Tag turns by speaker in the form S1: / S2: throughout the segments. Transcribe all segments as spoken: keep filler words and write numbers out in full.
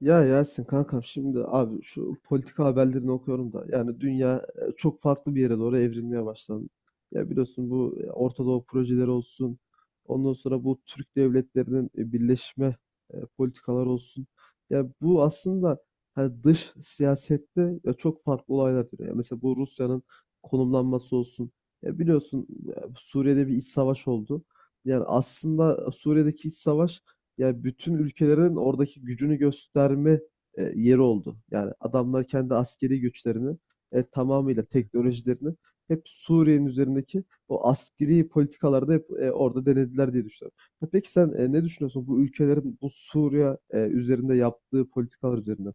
S1: Ya Yasin kankam, şimdi abi şu politika haberlerini okuyorum da yani dünya e, çok farklı bir yere doğru evrilmeye başlandı. Ya biliyorsun bu e, Orta Doğu projeleri olsun, ondan sonra bu Türk devletlerinin e, birleşme e, politikaları olsun. Ya bu aslında hani dış siyasette ya çok farklı olaylar dönüyor. Ya mesela bu Rusya'nın konumlanması olsun. Ya biliyorsun, e, Suriye'de bir iç savaş oldu. Yani aslında Suriye'deki iç savaş, yani bütün ülkelerin oradaki gücünü gösterme e, yeri oldu. Yani adamlar kendi askeri güçlerini, e, tamamıyla teknolojilerini hep Suriye'nin üzerindeki o askeri politikalarda hep e, orada denediler diye düşünüyorum. Ha, peki sen e, ne düşünüyorsun bu ülkelerin bu Suriye e, üzerinde yaptığı politikalar üzerinde?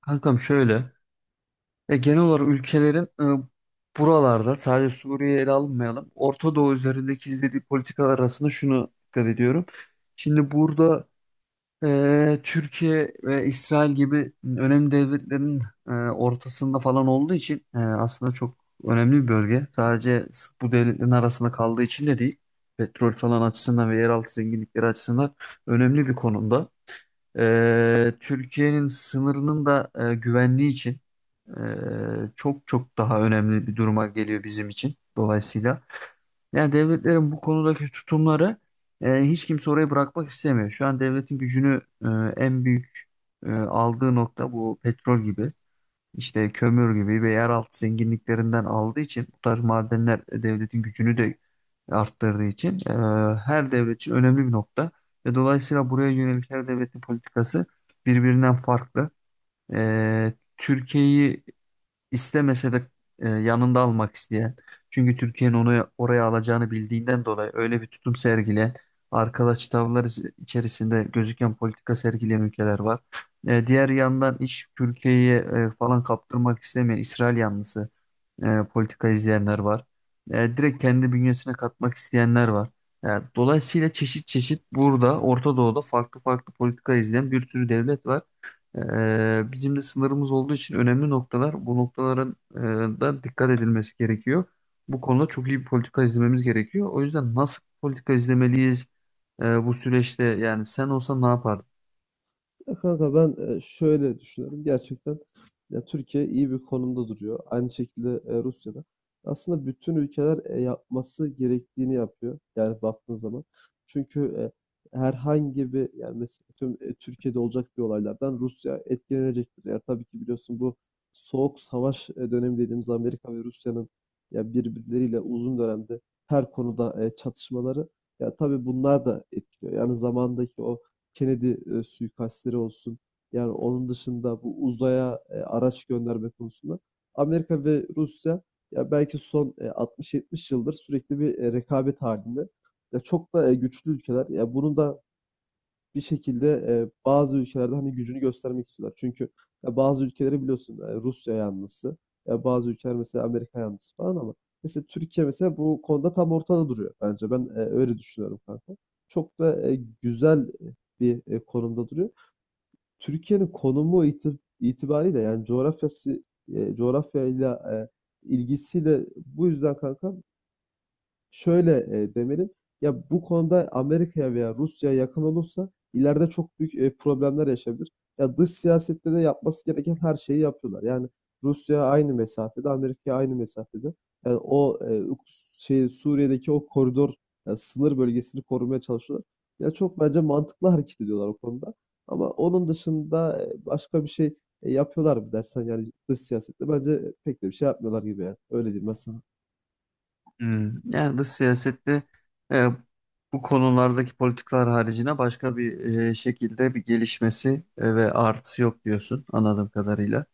S2: Kankam şöyle. Ya genel olarak ülkelerin e, buralarda sadece Suriye'yi ele almayalım. Orta Doğu üzerindeki izlediği politikalar arasında şunu dikkat ediyorum. Şimdi burada e, Türkiye ve İsrail gibi önemli devletlerin e, ortasında falan olduğu için e, aslında çok önemli bir bölge. Sadece bu devletlerin arasında kaldığı için de değil. Petrol falan açısından ve yeraltı zenginlikleri açısından önemli bir konumda. E, Türkiye'nin sınırının da e, güvenliği için e, çok çok daha önemli bir duruma geliyor bizim için dolayısıyla. Yani devletlerin bu konudaki tutumları e, hiç kimse orayı bırakmak istemiyor. Şu an devletin gücünü e, en büyük e, aldığı nokta bu petrol gibi, işte kömür gibi ve yeraltı zenginliklerinden aldığı için bu tarz madenler devletin gücünü de arttırdığı için e, her devlet için önemli bir nokta. Ve dolayısıyla buraya yönelik her devletin politikası birbirinden farklı. E, Türkiye'yi İstemese de e, yanında almak isteyen, çünkü Türkiye'nin onu oraya alacağını bildiğinden dolayı öyle bir tutum sergileyen, arkadaş tavırlar iz- içerisinde gözüken politika sergileyen ülkeler var. E, diğer yandan iş Türkiye'ye e, falan kaptırmak istemeyen İsrail yanlısı e, politika izleyenler var. E, direkt kendi bünyesine katmak isteyenler var. E, Dolayısıyla çeşit çeşit burada Orta Doğu'da farklı farklı politika izleyen bir sürü devlet var. E, bizim de sınırımız olduğu için önemli noktalar bu noktaların e, da dikkat edilmesi gerekiyor. Bu konuda çok iyi bir politika izlememiz gerekiyor. O yüzden nasıl politika izlemeliyiz e, bu süreçte yani sen olsan ne yapardın?
S1: Ya kanka ben e, şöyle düşünüyorum. Gerçekten ya Türkiye iyi bir konumda duruyor. Aynı şekilde e, Rusya'da. Aslında bütün ülkeler e, yapması gerektiğini yapıyor, yani baktığın zaman. Çünkü e, herhangi bir, yani mesela tüm e, Türkiye'de olacak bir olaylardan Rusya etkilenecektir. Ya tabii ki biliyorsun, bu soğuk savaş e, dönemi dediğimiz Amerika ve Rusya'nın ya birbirleriyle uzun dönemde her konuda e, çatışmaları, ya tabii bunlar da etkiliyor. Yani zamandaki o Kennedy e, suikastleri olsun. Yani onun dışında bu uzaya e, araç gönderme konusunda Amerika ve Rusya ya belki son e, altmış yetmiş yıldır sürekli bir e, rekabet halinde. Ya çok da e, güçlü ülkeler. Ya bunun da bir şekilde eee, bazı ülkelerde, hani, gücünü göstermek istiyorlar. Çünkü ya, bazı ülkeleri biliyorsun, eee, Rusya yanlısı, ya bazı ülkeler mesela Amerika yanlısı falan, ama mesela Türkiye mesela bu konuda tam ortada duruyor bence. Ben eee, öyle düşünüyorum kanka. Çok da eee, güzel bir eee, konumda duruyor. Türkiye'nin konumu iti itibariyle yani coğrafyası, eee, coğrafyayla eee, ilgisiyle. Bu yüzden kanka şöyle e, demeliyim. Ya bu konuda Amerika'ya veya Rusya'ya yakın olursa ileride çok büyük e, problemler yaşayabilir. Ya dış siyasette de yapması gereken her şeyi yapıyorlar. Yani Rusya aynı mesafede, Amerika aynı mesafede. Yani o e, şey, Suriye'deki o koridor, yani sınır bölgesini korumaya çalışıyorlar. Ya çok bence mantıklı hareket ediyorlar o konuda. Ama onun dışında e, başka bir şey e, yapıyorlar mı dersen, yani dış siyasette bence pek de bir şey yapmıyorlar gibi. Yani öyle diyeyim ben.
S2: Hmm, Yani dış siyasette e, bu konulardaki politikalar haricine başka bir e, şekilde bir gelişmesi e, ve artısı yok diyorsun anladığım kadarıyla.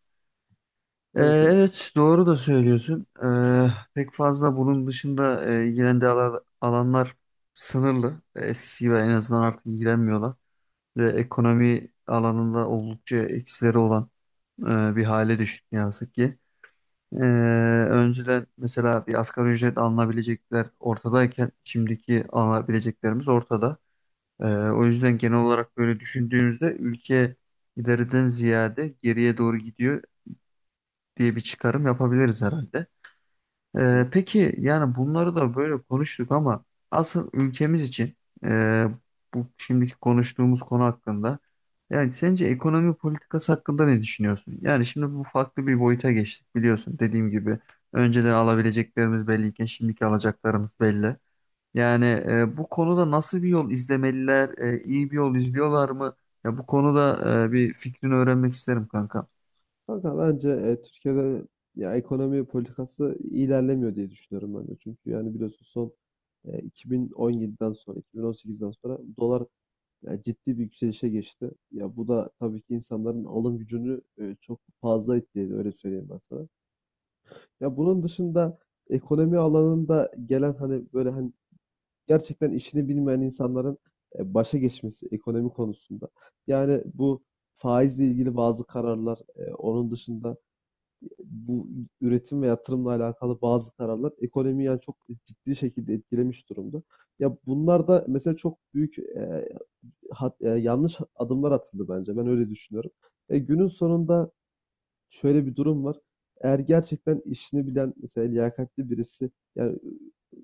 S2: E,
S1: Evet, evet.
S2: evet doğru da söylüyorsun. E, pek fazla bunun dışında e, ilgilendiği ala- alanlar sınırlı. E, eskisi gibi en azından artık ilgilenmiyorlar. Ve ekonomi alanında oldukça eksileri olan e, bir hale düştük ne yazık ki. Ee, Önceden mesela bir asgari ücret alınabilecekler ortadayken şimdiki alınabileceklerimiz ortada. Ee, o yüzden genel olarak böyle düşündüğümüzde ülke ileriden ziyade geriye doğru gidiyor diye bir çıkarım yapabiliriz herhalde.
S1: Hı
S2: Ee,
S1: hı.
S2: peki yani bunları da böyle konuştuk ama asıl ülkemiz için e, bu şimdiki konuştuğumuz konu hakkında yani sence ekonomi politikası hakkında ne düşünüyorsun? Yani şimdi bu farklı bir boyuta geçtik biliyorsun dediğim gibi önceden alabileceklerimiz belliyken şimdiki alacaklarımız belli. Yani e, bu konuda nasıl bir yol izlemeliler, e, iyi bir yol izliyorlar mı? Ya bu konuda e, bir fikrini öğrenmek isterim kanka.
S1: Kanka bence e, Türkiye'de ya ekonomi politikası ilerlemiyor diye düşünüyorum ben de. Çünkü yani biliyorsun, son e, iki bin on yediden sonra, iki bin on sekizden sonra dolar ya ciddi bir yükselişe geçti. Ya bu da tabii ki insanların alım gücünü e, çok fazla etkiledi, öyle söyleyeyim ben sana. Ya bunun dışında ekonomi alanında gelen, hani böyle hani gerçekten işini bilmeyen insanların e, başa geçmesi ekonomi konusunda. Yani bu faizle ilgili bazı kararlar, e, onun dışında bu üretim ve yatırımla alakalı bazı kararlar ekonomiyi yani çok ciddi şekilde etkilemiş durumda. Ya bunlar da mesela çok büyük e, hat- e, yanlış adımlar atıldı bence. Ben öyle düşünüyorum. E, günün sonunda şöyle bir durum var. Eğer gerçekten işini bilen, mesela liyakatli birisi, yani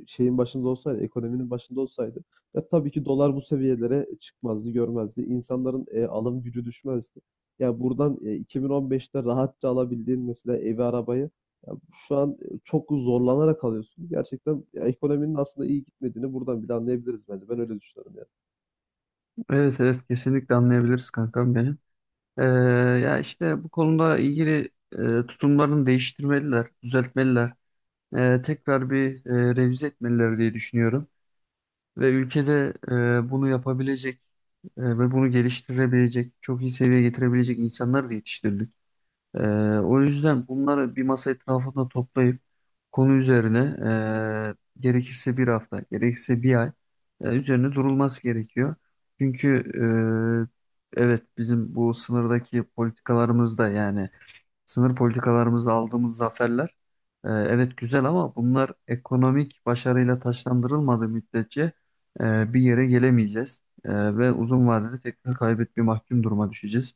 S1: şeyin başında olsaydı, ekonominin başında olsaydı, ya tabii ki dolar bu seviyelere çıkmazdı, görmezdi. İnsanların e, alım gücü düşmezdi. Ya buradan e, iki bin on beşte rahatça alabildiğin mesela evi, arabayı ya şu an e, çok zorlanarak alıyorsun. Gerçekten ya ekonominin aslında iyi gitmediğini buradan bile anlayabiliriz bence. Ben öyle düşünüyorum yani.
S2: Evet, evet, kesinlikle anlayabiliriz kankam benim. Ee, Ya işte bu konuda ilgili e, tutumlarını değiştirmeliler, düzeltmeliler. Ee, tekrar bir e, revize etmeliler diye düşünüyorum. Ve ülkede e, bunu yapabilecek e, ve bunu geliştirebilecek, çok iyi seviyeye getirebilecek insanlar da yetiştirdik. Ee, O yüzden bunları bir masa etrafında toplayıp konu üzerine e, gerekirse bir hafta, gerekirse bir ay e, üzerine durulması gerekiyor. Çünkü e, evet bizim bu sınırdaki politikalarımız da yani sınır politikalarımızda aldığımız zaferler e, evet güzel ama bunlar ekonomik başarıyla taçlandırılmadığı müddetçe e, bir yere gelemeyeceğiz. E, ve uzun vadede tekrar kaybet bir mahkum duruma düşeceğiz.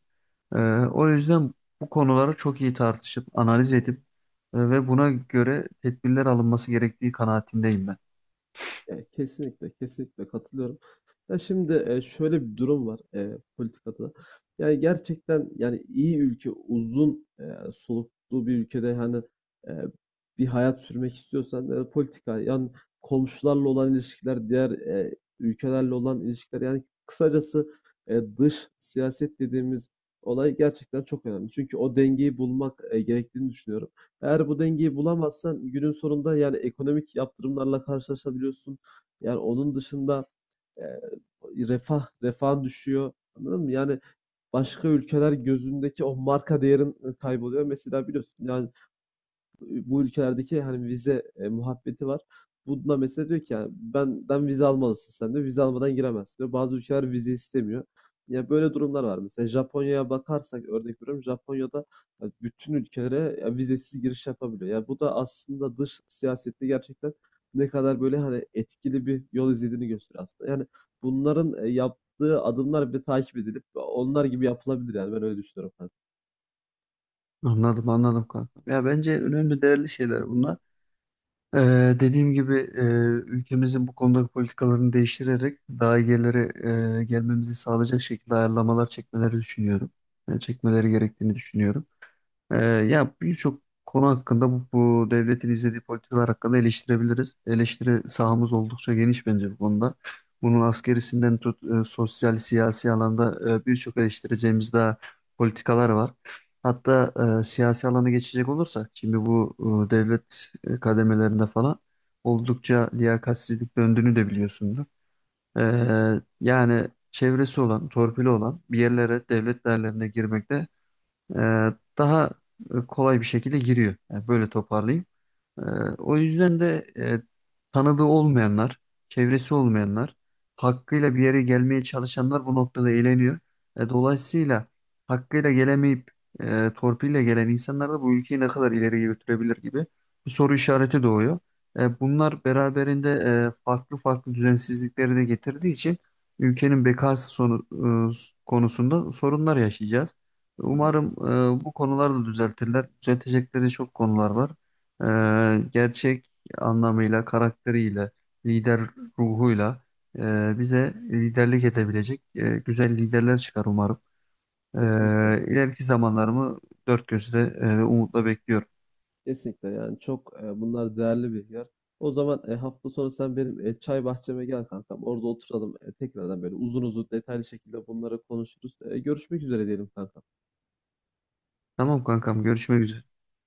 S2: E, O yüzden bu konuları çok iyi tartışıp analiz edip e, ve buna göre tedbirler alınması gerektiği kanaatindeyim ben.
S1: Ya, kesinlikle, kesinlikle katılıyorum. Ya şimdi e, şöyle bir durum var e, politikada da. Yani gerçekten, yani iyi ülke, uzun e, soluklu bir ülkede hani e, bir hayat sürmek istiyorsan, e, politika yani komşularla olan ilişkiler, diğer e, ülkelerle olan ilişkiler, yani kısacası e, dış siyaset dediğimiz olay gerçekten çok önemli. Çünkü o dengeyi bulmak e, gerektiğini düşünüyorum. Eğer bu dengeyi bulamazsan günün sonunda yani ekonomik yaptırımlarla karşılaşabiliyorsun. Yani onun dışında eee, refah refahın düşüyor. Anladın mı? Yani başka ülkeler gözündeki o marka değerin kayboluyor. Mesela biliyorsun yani, bu ülkelerdeki hani vize eee, muhabbeti var. Bunda mesela diyor ki, yani benden vize almalısın sen diyor. Vize almadan giremezsin diyor. Bazı ülkeler vize istemiyor. Ya böyle durumlar var. Mesela Japonya'ya bakarsak, örnek veriyorum, Japonya'da ya bütün ülkelere ya vizesiz giriş yapabiliyor. Ya bu da aslında dış siyasette gerçekten ne kadar böyle hani etkili bir yol izlediğini gösteriyor aslında. Yani bunların eee, yaptığı adımlar bile takip edilip onlar gibi yapılabilir, yani ben öyle düşünüyorum kanka.
S2: Anladım, anladım kanka. Ya bence önemli değerli şeyler bunlar. Ee, Dediğim gibi e, ülkemizin bu konudaki politikalarını değiştirerek daha iyi yerlere e, gelmemizi sağlayacak şekilde ayarlamalar çekmeleri düşünüyorum. E, çekmeleri gerektiğini düşünüyorum. Ee, ya birçok konu hakkında bu, bu devletin izlediği politikalar hakkında eleştirebiliriz. Eleştiri sahamız oldukça geniş bence bu konuda. Bunun askerisinden tut e, sosyal, siyasi alanda e, birçok eleştireceğimiz daha politikalar var. Hatta e, siyasi alana geçecek olursak şimdi bu e, devlet e, kademelerinde falan oldukça liyakatsizlik döndüğünü de biliyorsundur.
S1: Hı hı.
S2: Ee, yani çevresi olan, torpili olan bir yerlere devlet değerlerine girmekte e, daha e, kolay bir şekilde giriyor. Yani böyle toparlayayım. Ee, O yüzden de e, tanıdığı olmayanlar, çevresi olmayanlar, hakkıyla bir yere gelmeye çalışanlar bu noktada eğleniyor. E, dolayısıyla hakkıyla gelemeyip e, torpille gelen insanlar da bu ülkeyi ne kadar ileriye götürebilir gibi bir soru işareti doğuyor. E, bunlar beraberinde e, farklı farklı düzensizlikleri de getirdiği için ülkenin bekası sonu, e, konusunda sorunlar yaşayacağız.
S1: Hı hı.
S2: Umarım e, bu konular da düzeltirler. Düzeltecekleri çok konular var. Ee, gerçek anlamıyla, karakteriyle, lider ruhuyla e, bize liderlik edebilecek e, güzel liderler çıkar umarım. Ee,
S1: Kesinlikle.
S2: ileriki zamanlarımı dört gözle e, umutla bekliyorum.
S1: Kesinlikle, yani çok e, bunlar değerli bilgiler. O zaman e, hafta sonu sen benim e, çay bahçeme gel kankam. Orada oturalım, e, tekrardan böyle uzun uzun detaylı şekilde bunları konuşuruz. E, görüşmek üzere diyelim kankam.
S2: Tamam kankam, görüşmek üzere.